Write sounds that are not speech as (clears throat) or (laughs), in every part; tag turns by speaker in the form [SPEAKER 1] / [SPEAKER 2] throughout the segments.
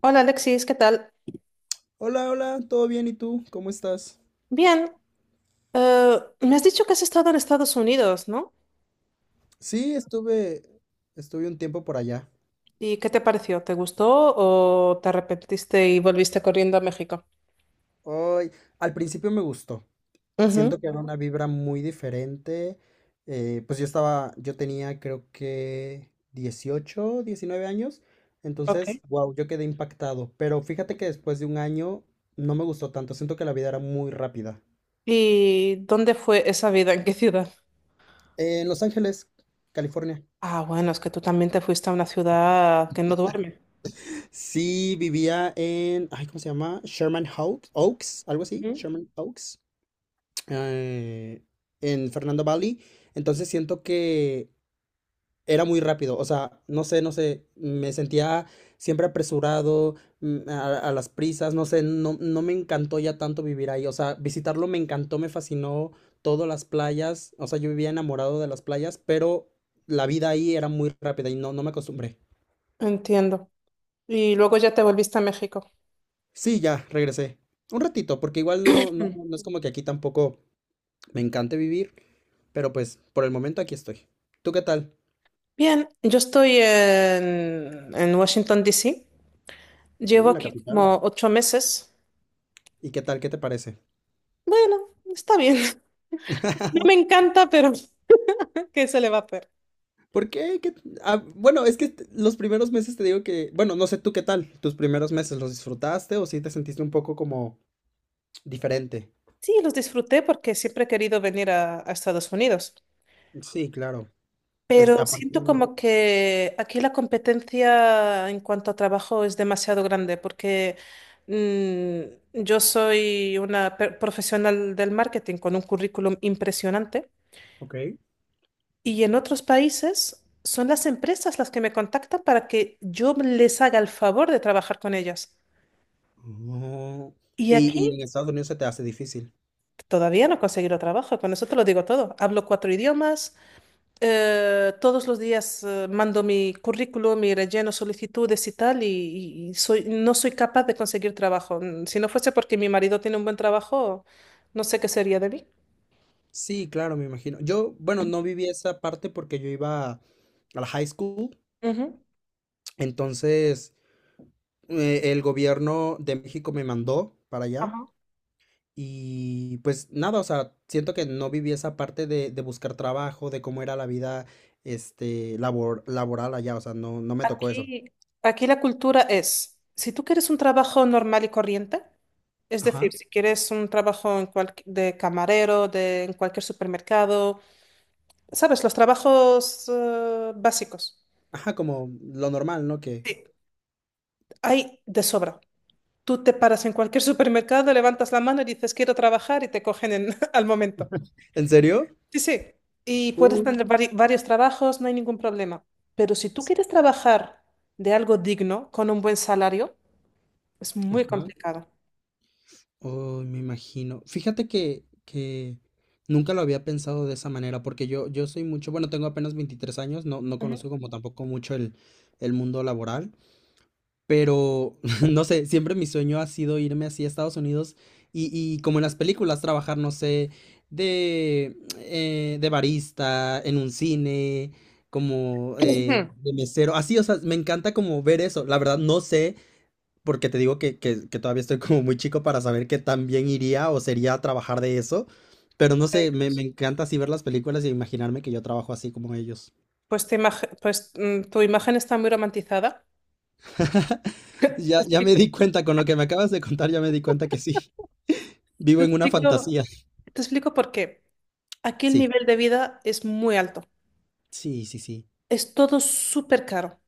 [SPEAKER 1] Hola Alexis, ¿qué tal?
[SPEAKER 2] Hola, hola, ¿todo bien? ¿Y tú? ¿Cómo estás?
[SPEAKER 1] Bien, me has dicho que has estado en Estados Unidos, ¿no?
[SPEAKER 2] Sí, estuve un tiempo por allá.
[SPEAKER 1] ¿Y qué te pareció? ¿Te gustó o te arrepentiste y volviste corriendo a México?
[SPEAKER 2] Hoy, al principio me gustó.
[SPEAKER 1] Ujú,
[SPEAKER 2] Siento que era una vibra muy diferente. Pues yo tenía creo que 18 19 años.
[SPEAKER 1] ok.
[SPEAKER 2] Entonces, wow, yo quedé impactado. Pero fíjate que después de un año no me gustó tanto. Siento que la vida era muy rápida.
[SPEAKER 1] ¿Y dónde fue esa vida? ¿En qué ciudad?
[SPEAKER 2] En Los Ángeles, California.
[SPEAKER 1] Ah, bueno, es que tú también te fuiste a una ciudad que no duerme.
[SPEAKER 2] Sí, vivía en, ay, ¿cómo se llama? Oaks, algo así,
[SPEAKER 1] Ujú.
[SPEAKER 2] Sherman Oaks. eh, en Fernando Valley. Entonces siento que era muy rápido. O sea, no sé, no sé. Me sentía siempre apresurado, a las prisas. No sé, no, no me encantó ya tanto vivir ahí. O sea, visitarlo me encantó, me fascinó. Todas las playas. O sea, yo vivía enamorado de las playas, pero la vida ahí era muy rápida y no, no me acostumbré.
[SPEAKER 1] Entiendo. Y luego ya te volviste a México.
[SPEAKER 2] Sí, ya, regresé. Un ratito, porque igual no, no,
[SPEAKER 1] Mm.
[SPEAKER 2] no es como que aquí tampoco me encante vivir, pero pues por el momento aquí estoy. ¿Tú qué tal?
[SPEAKER 1] Bien, yo estoy en Washington, D.C. Llevo
[SPEAKER 2] Uy, la
[SPEAKER 1] aquí
[SPEAKER 2] capital.
[SPEAKER 1] como 8 meses.
[SPEAKER 2] ¿Y qué tal? ¿Qué te parece?
[SPEAKER 1] Bueno, está bien. (laughs) No me encanta, pero... ¿Qué se le va a hacer?
[SPEAKER 2] ¿Por qué? Ah, bueno, los primeros meses te digo que, bueno, no sé tú qué tal. ¿Tus primeros meses los disfrutaste o sí te sentiste un poco como diferente?
[SPEAKER 1] Sí, los disfruté porque siempre he querido venir a Estados Unidos,
[SPEAKER 2] Sí, claro. Es,
[SPEAKER 1] pero
[SPEAKER 2] aparte,
[SPEAKER 1] siento como que aquí la competencia en cuanto a trabajo es demasiado grande porque yo soy una profesional del marketing con un currículum impresionante
[SPEAKER 2] ok.
[SPEAKER 1] y en otros países son las empresas las que me contactan para que yo les haga el favor de trabajar con ellas.
[SPEAKER 2] Oh.
[SPEAKER 1] Y
[SPEAKER 2] Y
[SPEAKER 1] aquí
[SPEAKER 2] en Estados Unidos se te hace difícil.
[SPEAKER 1] todavía no he conseguido trabajo, con eso te lo digo todo. Hablo cuatro idiomas. Todos los días mando mi currículum, mi relleno, solicitudes y tal, y soy, no soy capaz de conseguir trabajo. Si no fuese porque mi marido tiene un buen trabajo, no sé qué sería de mí.
[SPEAKER 2] Sí, claro, me imagino. Yo, bueno, no viví esa parte porque yo iba a la high school,
[SPEAKER 1] Ujú.
[SPEAKER 2] entonces el gobierno de México me mandó para allá.
[SPEAKER 1] Ajá.
[SPEAKER 2] Y pues nada, o sea, siento que no viví esa parte de buscar trabajo, de cómo era la vida, este, labor, laboral allá, o sea, no, no me tocó eso.
[SPEAKER 1] Aquí, aquí la cultura es, si tú quieres un trabajo normal y corriente, es
[SPEAKER 2] Ajá.
[SPEAKER 1] decir, si quieres un trabajo en de camarero, en cualquier supermercado, sabes, los trabajos básicos,
[SPEAKER 2] Ajá, como lo normal, ¿no? Que,
[SPEAKER 1] sí, hay de sobra. Tú te paras en cualquier supermercado, levantas la mano y dices quiero trabajar y te cogen (laughs) al momento.
[SPEAKER 2] ¿en serio?
[SPEAKER 1] Sí, sí. Y puedes
[SPEAKER 2] Uy.
[SPEAKER 1] tener varios trabajos, no hay ningún problema. Pero si tú quieres trabajar de algo digno, con un buen salario, es muy
[SPEAKER 2] Ajá.
[SPEAKER 1] complicado.
[SPEAKER 2] Uy, me imagino. Fíjate que nunca lo había pensado de esa manera, porque yo soy mucho, bueno, tengo apenas 23 años, no, no
[SPEAKER 1] Ujú.
[SPEAKER 2] conozco
[SPEAKER 1] (clears throat)
[SPEAKER 2] como tampoco mucho el mundo laboral. Pero, (laughs) no sé, siempre mi sueño ha sido irme así a Estados Unidos y como en las películas, trabajar, no sé, de barista, en un cine, como
[SPEAKER 1] Ujú.
[SPEAKER 2] de mesero, así, o sea, me encanta como ver eso. La verdad, no sé, porque te digo que todavía estoy como muy chico para saber que también iría o sería a trabajar de eso. Pero no sé, me encanta así ver las películas y imaginarme que yo trabajo así como ellos. (laughs)
[SPEAKER 1] Pues, pues tu imagen está muy romantizada. Te
[SPEAKER 2] Ya, ya me
[SPEAKER 1] explico,
[SPEAKER 2] di cuenta, con lo que me acabas de contar, ya me di cuenta que sí, vivo
[SPEAKER 1] te
[SPEAKER 2] en una
[SPEAKER 1] explico,
[SPEAKER 2] fantasía.
[SPEAKER 1] te explico por qué. Aquí el
[SPEAKER 2] Sí,
[SPEAKER 1] nivel de vida es muy alto.
[SPEAKER 2] sí, sí, sí.
[SPEAKER 1] Es todo súper caro.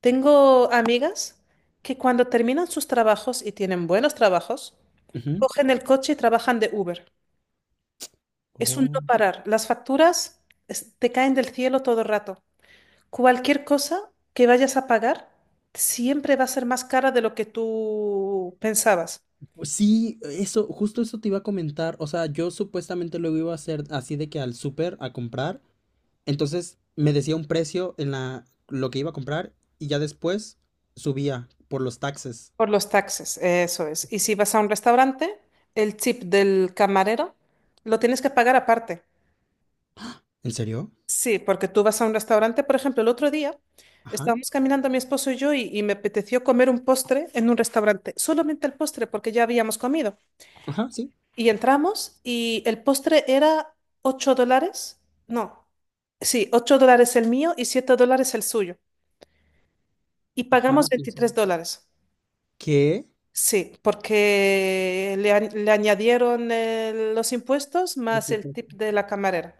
[SPEAKER 1] Tengo amigas que cuando terminan sus trabajos y tienen buenos trabajos,
[SPEAKER 2] Ujú.
[SPEAKER 1] cogen el coche y trabajan de Uber. Es un
[SPEAKER 2] Oh,
[SPEAKER 1] no parar. Las facturas te caen del cielo todo el rato. Cualquier cosa que vayas a pagar siempre va a ser más cara de lo que tú pensabas.
[SPEAKER 2] sí, eso, justo eso te iba a comentar. O sea, yo supuestamente luego iba a hacer así de que al súper a comprar. Entonces me decía un precio en la lo que iba a comprar y ya después subía por los taxes.
[SPEAKER 1] Por los taxes, eso es. Y si vas a un restaurante, el chip del camarero lo tienes que pagar aparte.
[SPEAKER 2] ¿En serio?
[SPEAKER 1] Sí, porque tú vas a un restaurante, por ejemplo, el otro día
[SPEAKER 2] Ajá.
[SPEAKER 1] estábamos caminando mi esposo y yo y me apeteció comer un postre en un restaurante, solamente el postre porque ya habíamos comido.
[SPEAKER 2] Ajá, sí.
[SPEAKER 1] Y entramos y el postre era $8, no, sí, $8 el mío y $7 el suyo. Y
[SPEAKER 2] Ajá,
[SPEAKER 1] pagamos
[SPEAKER 2] quién sabe.
[SPEAKER 1] $23.
[SPEAKER 2] ¿Qué?
[SPEAKER 1] Sí, porque le añadieron los impuestos
[SPEAKER 2] Sí,
[SPEAKER 1] más
[SPEAKER 2] sí,
[SPEAKER 1] el
[SPEAKER 2] sí.
[SPEAKER 1] tip de la camarera.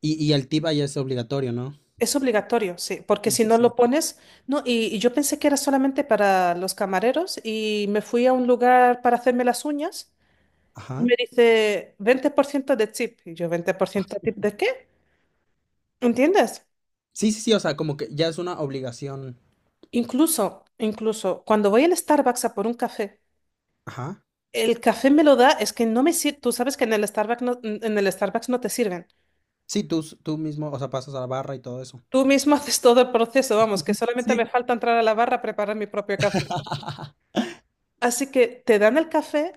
[SPEAKER 2] Y el tip ya es obligatorio, ¿no?
[SPEAKER 1] Es obligatorio, sí, porque
[SPEAKER 2] Sí,
[SPEAKER 1] si
[SPEAKER 2] sí,
[SPEAKER 1] no
[SPEAKER 2] sí.
[SPEAKER 1] lo pones, no, y yo pensé que era solamente para los camareros y me fui a un lugar para hacerme las uñas y
[SPEAKER 2] Ajá.
[SPEAKER 1] me dice 20% de tip. Y yo, ¿20% de tip de qué? ¿Entiendes?
[SPEAKER 2] Sí, sí, sí, o sea, como que ya es una obligación.
[SPEAKER 1] Incluso cuando voy al Starbucks a por un café,
[SPEAKER 2] Ajá.
[SPEAKER 1] el café me lo da, es que no me sirve, tú sabes que en el Starbucks no, en el Starbucks no te sirven.
[SPEAKER 2] Sí, tú mismo, o sea, pasas a la barra y todo eso.
[SPEAKER 1] Tú mismo (laughs) haces todo el proceso, vamos, que solamente
[SPEAKER 2] Sí.
[SPEAKER 1] me falta entrar a la barra a preparar mi propio café. Así que te dan el café.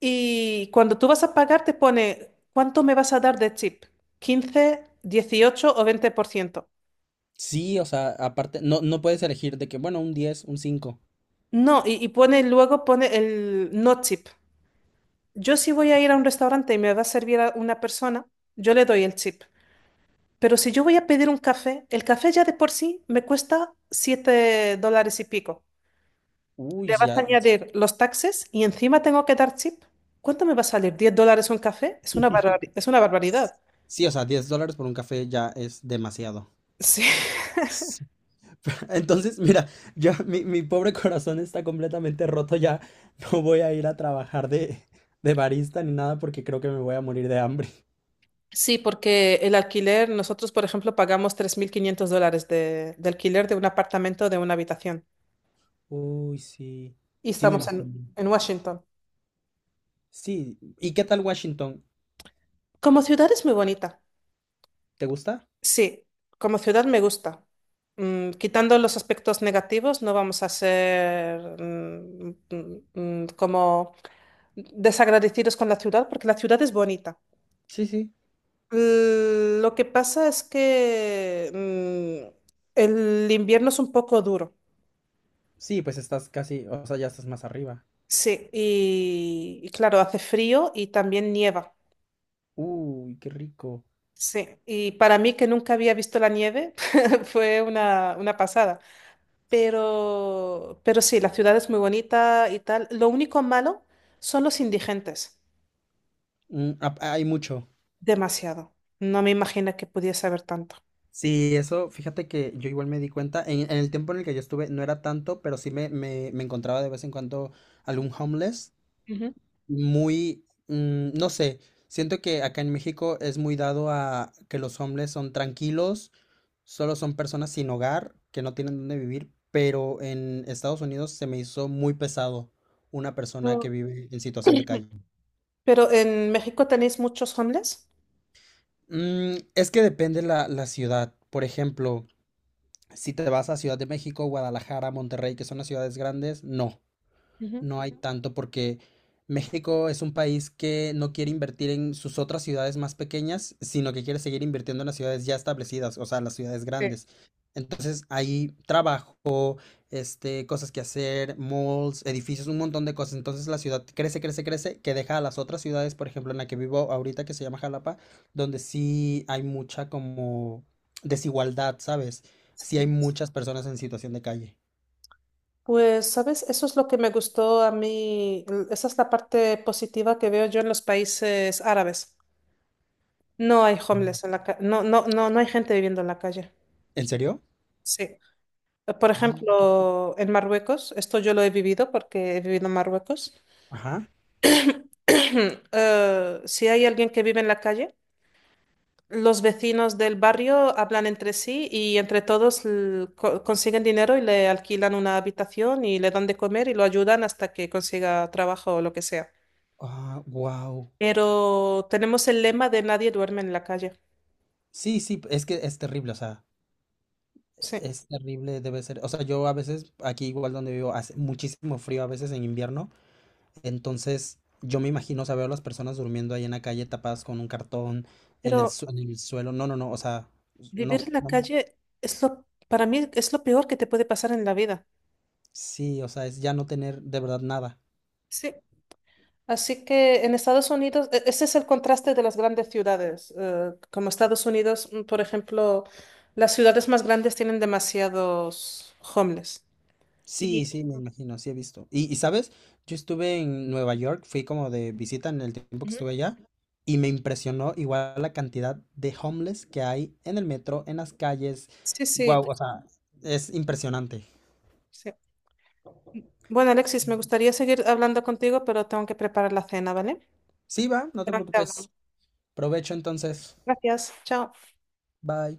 [SPEAKER 1] Y cuando tú vas a pagar, te pone, ¿cuánto me vas a dar de chip? ¿15, 18 o 20%?
[SPEAKER 2] Sí, o sea, aparte, no, no puedes elegir de que, bueno, un diez, un cinco.
[SPEAKER 1] No, y pone luego pone el no chip. Yo si voy a ir a un restaurante y me va a servir a una persona, yo le doy el chip. Pero si yo voy a pedir un café, el café ya de por sí me cuesta $7 y pico.
[SPEAKER 2] Uy,
[SPEAKER 1] Le vas
[SPEAKER 2] ya.
[SPEAKER 1] a añadir los taxes y encima tengo que dar chip. ¿Cuánto me va a salir? ¿$10 un café? Es una
[SPEAKER 2] (laughs)
[SPEAKER 1] es una barbaridad.
[SPEAKER 2] Sí, o sea, $10 por un café ya es demasiado.
[SPEAKER 1] (laughs) Sí.
[SPEAKER 2] Sí. (laughs) Entonces, mira, yo, mi pobre corazón está completamente roto ya. No voy a ir a trabajar de barista ni nada porque creo que me voy a morir de hambre.
[SPEAKER 1] Sí, porque el alquiler, nosotros, por ejemplo, pagamos $3.500 de alquiler de un apartamento de una habitación.
[SPEAKER 2] Uy, sí.
[SPEAKER 1] Y
[SPEAKER 2] Sí, me
[SPEAKER 1] estamos en,
[SPEAKER 2] imagino.
[SPEAKER 1] en Washington.
[SPEAKER 2] Sí. ¿Y qué tal Washington?
[SPEAKER 1] Como ciudad es muy bonita.
[SPEAKER 2] ¿Te gusta?
[SPEAKER 1] Sí, como ciudad me gusta. Quitando los aspectos negativos, no vamos a ser como desagradecidos con la ciudad, porque la ciudad es bonita.
[SPEAKER 2] Sí, sí.
[SPEAKER 1] Lo que pasa es que el invierno es un poco duro.
[SPEAKER 2] Sí, pues estás casi, o sea, ya estás más arriba.
[SPEAKER 1] Sí, y claro, hace frío y también nieva.
[SPEAKER 2] Uy, qué rico.
[SPEAKER 1] Sí, y para mí que nunca había visto la nieve (laughs) fue una pasada. Pero sí, la ciudad es muy bonita y tal. Lo único malo son los indigentes.
[SPEAKER 2] Hay mucho.
[SPEAKER 1] Demasiado. No me imagino que pudiese haber tanto.
[SPEAKER 2] Sí, eso, fíjate que yo igual me di cuenta, en el tiempo en el que yo estuve no era tanto, pero sí me encontraba de vez en cuando algún homeless,
[SPEAKER 1] Ujú.
[SPEAKER 2] muy, no sé, siento que acá en México es muy dado a que los homeless son tranquilos, solo son personas sin hogar, que no tienen dónde vivir, pero en Estados Unidos se me hizo muy pesado una persona que
[SPEAKER 1] Pero
[SPEAKER 2] vive en situación de calle.
[SPEAKER 1] pero en México tenéis muchos homeless.
[SPEAKER 2] Es que depende la ciudad. Por ejemplo, si te vas a Ciudad de México, Guadalajara, Monterrey, que son las ciudades grandes, no
[SPEAKER 1] Ujú.
[SPEAKER 2] no hay tanto porque México es un país que no quiere invertir en sus otras ciudades más pequeñas, sino que quiere seguir invirtiendo en las ciudades ya establecidas, o sea, las ciudades
[SPEAKER 1] Sí,
[SPEAKER 2] grandes. Entonces hay trabajo, este, cosas que hacer, malls, edificios, un montón de cosas. Entonces la ciudad crece, crece, crece, que deja a las otras ciudades, por ejemplo, en la que vivo ahorita, que se llama Jalapa, donde sí hay mucha como desigualdad, ¿sabes? Sí
[SPEAKER 1] sí.
[SPEAKER 2] hay muchas personas en situación de calle.
[SPEAKER 1] Pues, ¿sabes? Eso es lo que me gustó a mí. Esa es la parte positiva que veo yo en los países árabes. No hay homeless en la calle, no, no, no, no hay gente viviendo en la calle.
[SPEAKER 2] ¿En serio?
[SPEAKER 1] Sí. Por
[SPEAKER 2] Ay, qué-
[SPEAKER 1] ejemplo, en Marruecos, esto yo lo he vivido porque he vivido en Marruecos.
[SPEAKER 2] Ajá.
[SPEAKER 1] (clears throat) Si hay alguien que vive en la calle, los vecinos del barrio hablan entre sí y entre todos consiguen dinero y le alquilan una habitación y le dan de comer y lo ayudan hasta que consiga trabajo o lo que sea.
[SPEAKER 2] Ah, wow.
[SPEAKER 1] Pero tenemos el lema de nadie duerme en la calle.
[SPEAKER 2] Sí, sí, es que es terrible, o sea,
[SPEAKER 1] Sí.
[SPEAKER 2] es terrible, debe ser. O sea, yo a veces, aquí igual donde vivo, hace muchísimo frío a veces en invierno, entonces yo me imagino, o sea, veo a las personas durmiendo ahí en la calle tapadas con un cartón en el,
[SPEAKER 1] Pero
[SPEAKER 2] en el suelo. No, no, no, o sea,
[SPEAKER 1] vivir
[SPEAKER 2] no,
[SPEAKER 1] en la
[SPEAKER 2] no.
[SPEAKER 1] calle para mí es lo peor que te puede pasar en la vida.
[SPEAKER 2] Sí, o sea, es ya no tener de verdad nada.
[SPEAKER 1] Sí, así que en Estados Unidos, ese es el contraste de las grandes ciudades. Como Estados Unidos, por ejemplo, las ciudades más grandes tienen demasiados homeless. Y
[SPEAKER 2] Sí, sí, me imagino, sí he visto. Y sabes, yo estuve en Nueva York, fui como de visita en el tiempo que
[SPEAKER 1] Ujú,
[SPEAKER 2] estuve allá y me impresionó igual la cantidad de homeless que hay en el metro, en las calles.
[SPEAKER 1] sí, sí,
[SPEAKER 2] Guau, o sea, es impresionante.
[SPEAKER 1] sí. Bueno, Alexis, me gustaría seguir hablando contigo, pero tengo que preparar la cena, ¿vale?
[SPEAKER 2] Sí, va, no te
[SPEAKER 1] Pero te
[SPEAKER 2] preocupes.
[SPEAKER 1] hablamos.
[SPEAKER 2] Provecho entonces.
[SPEAKER 1] Gracias. Chao.
[SPEAKER 2] Bye.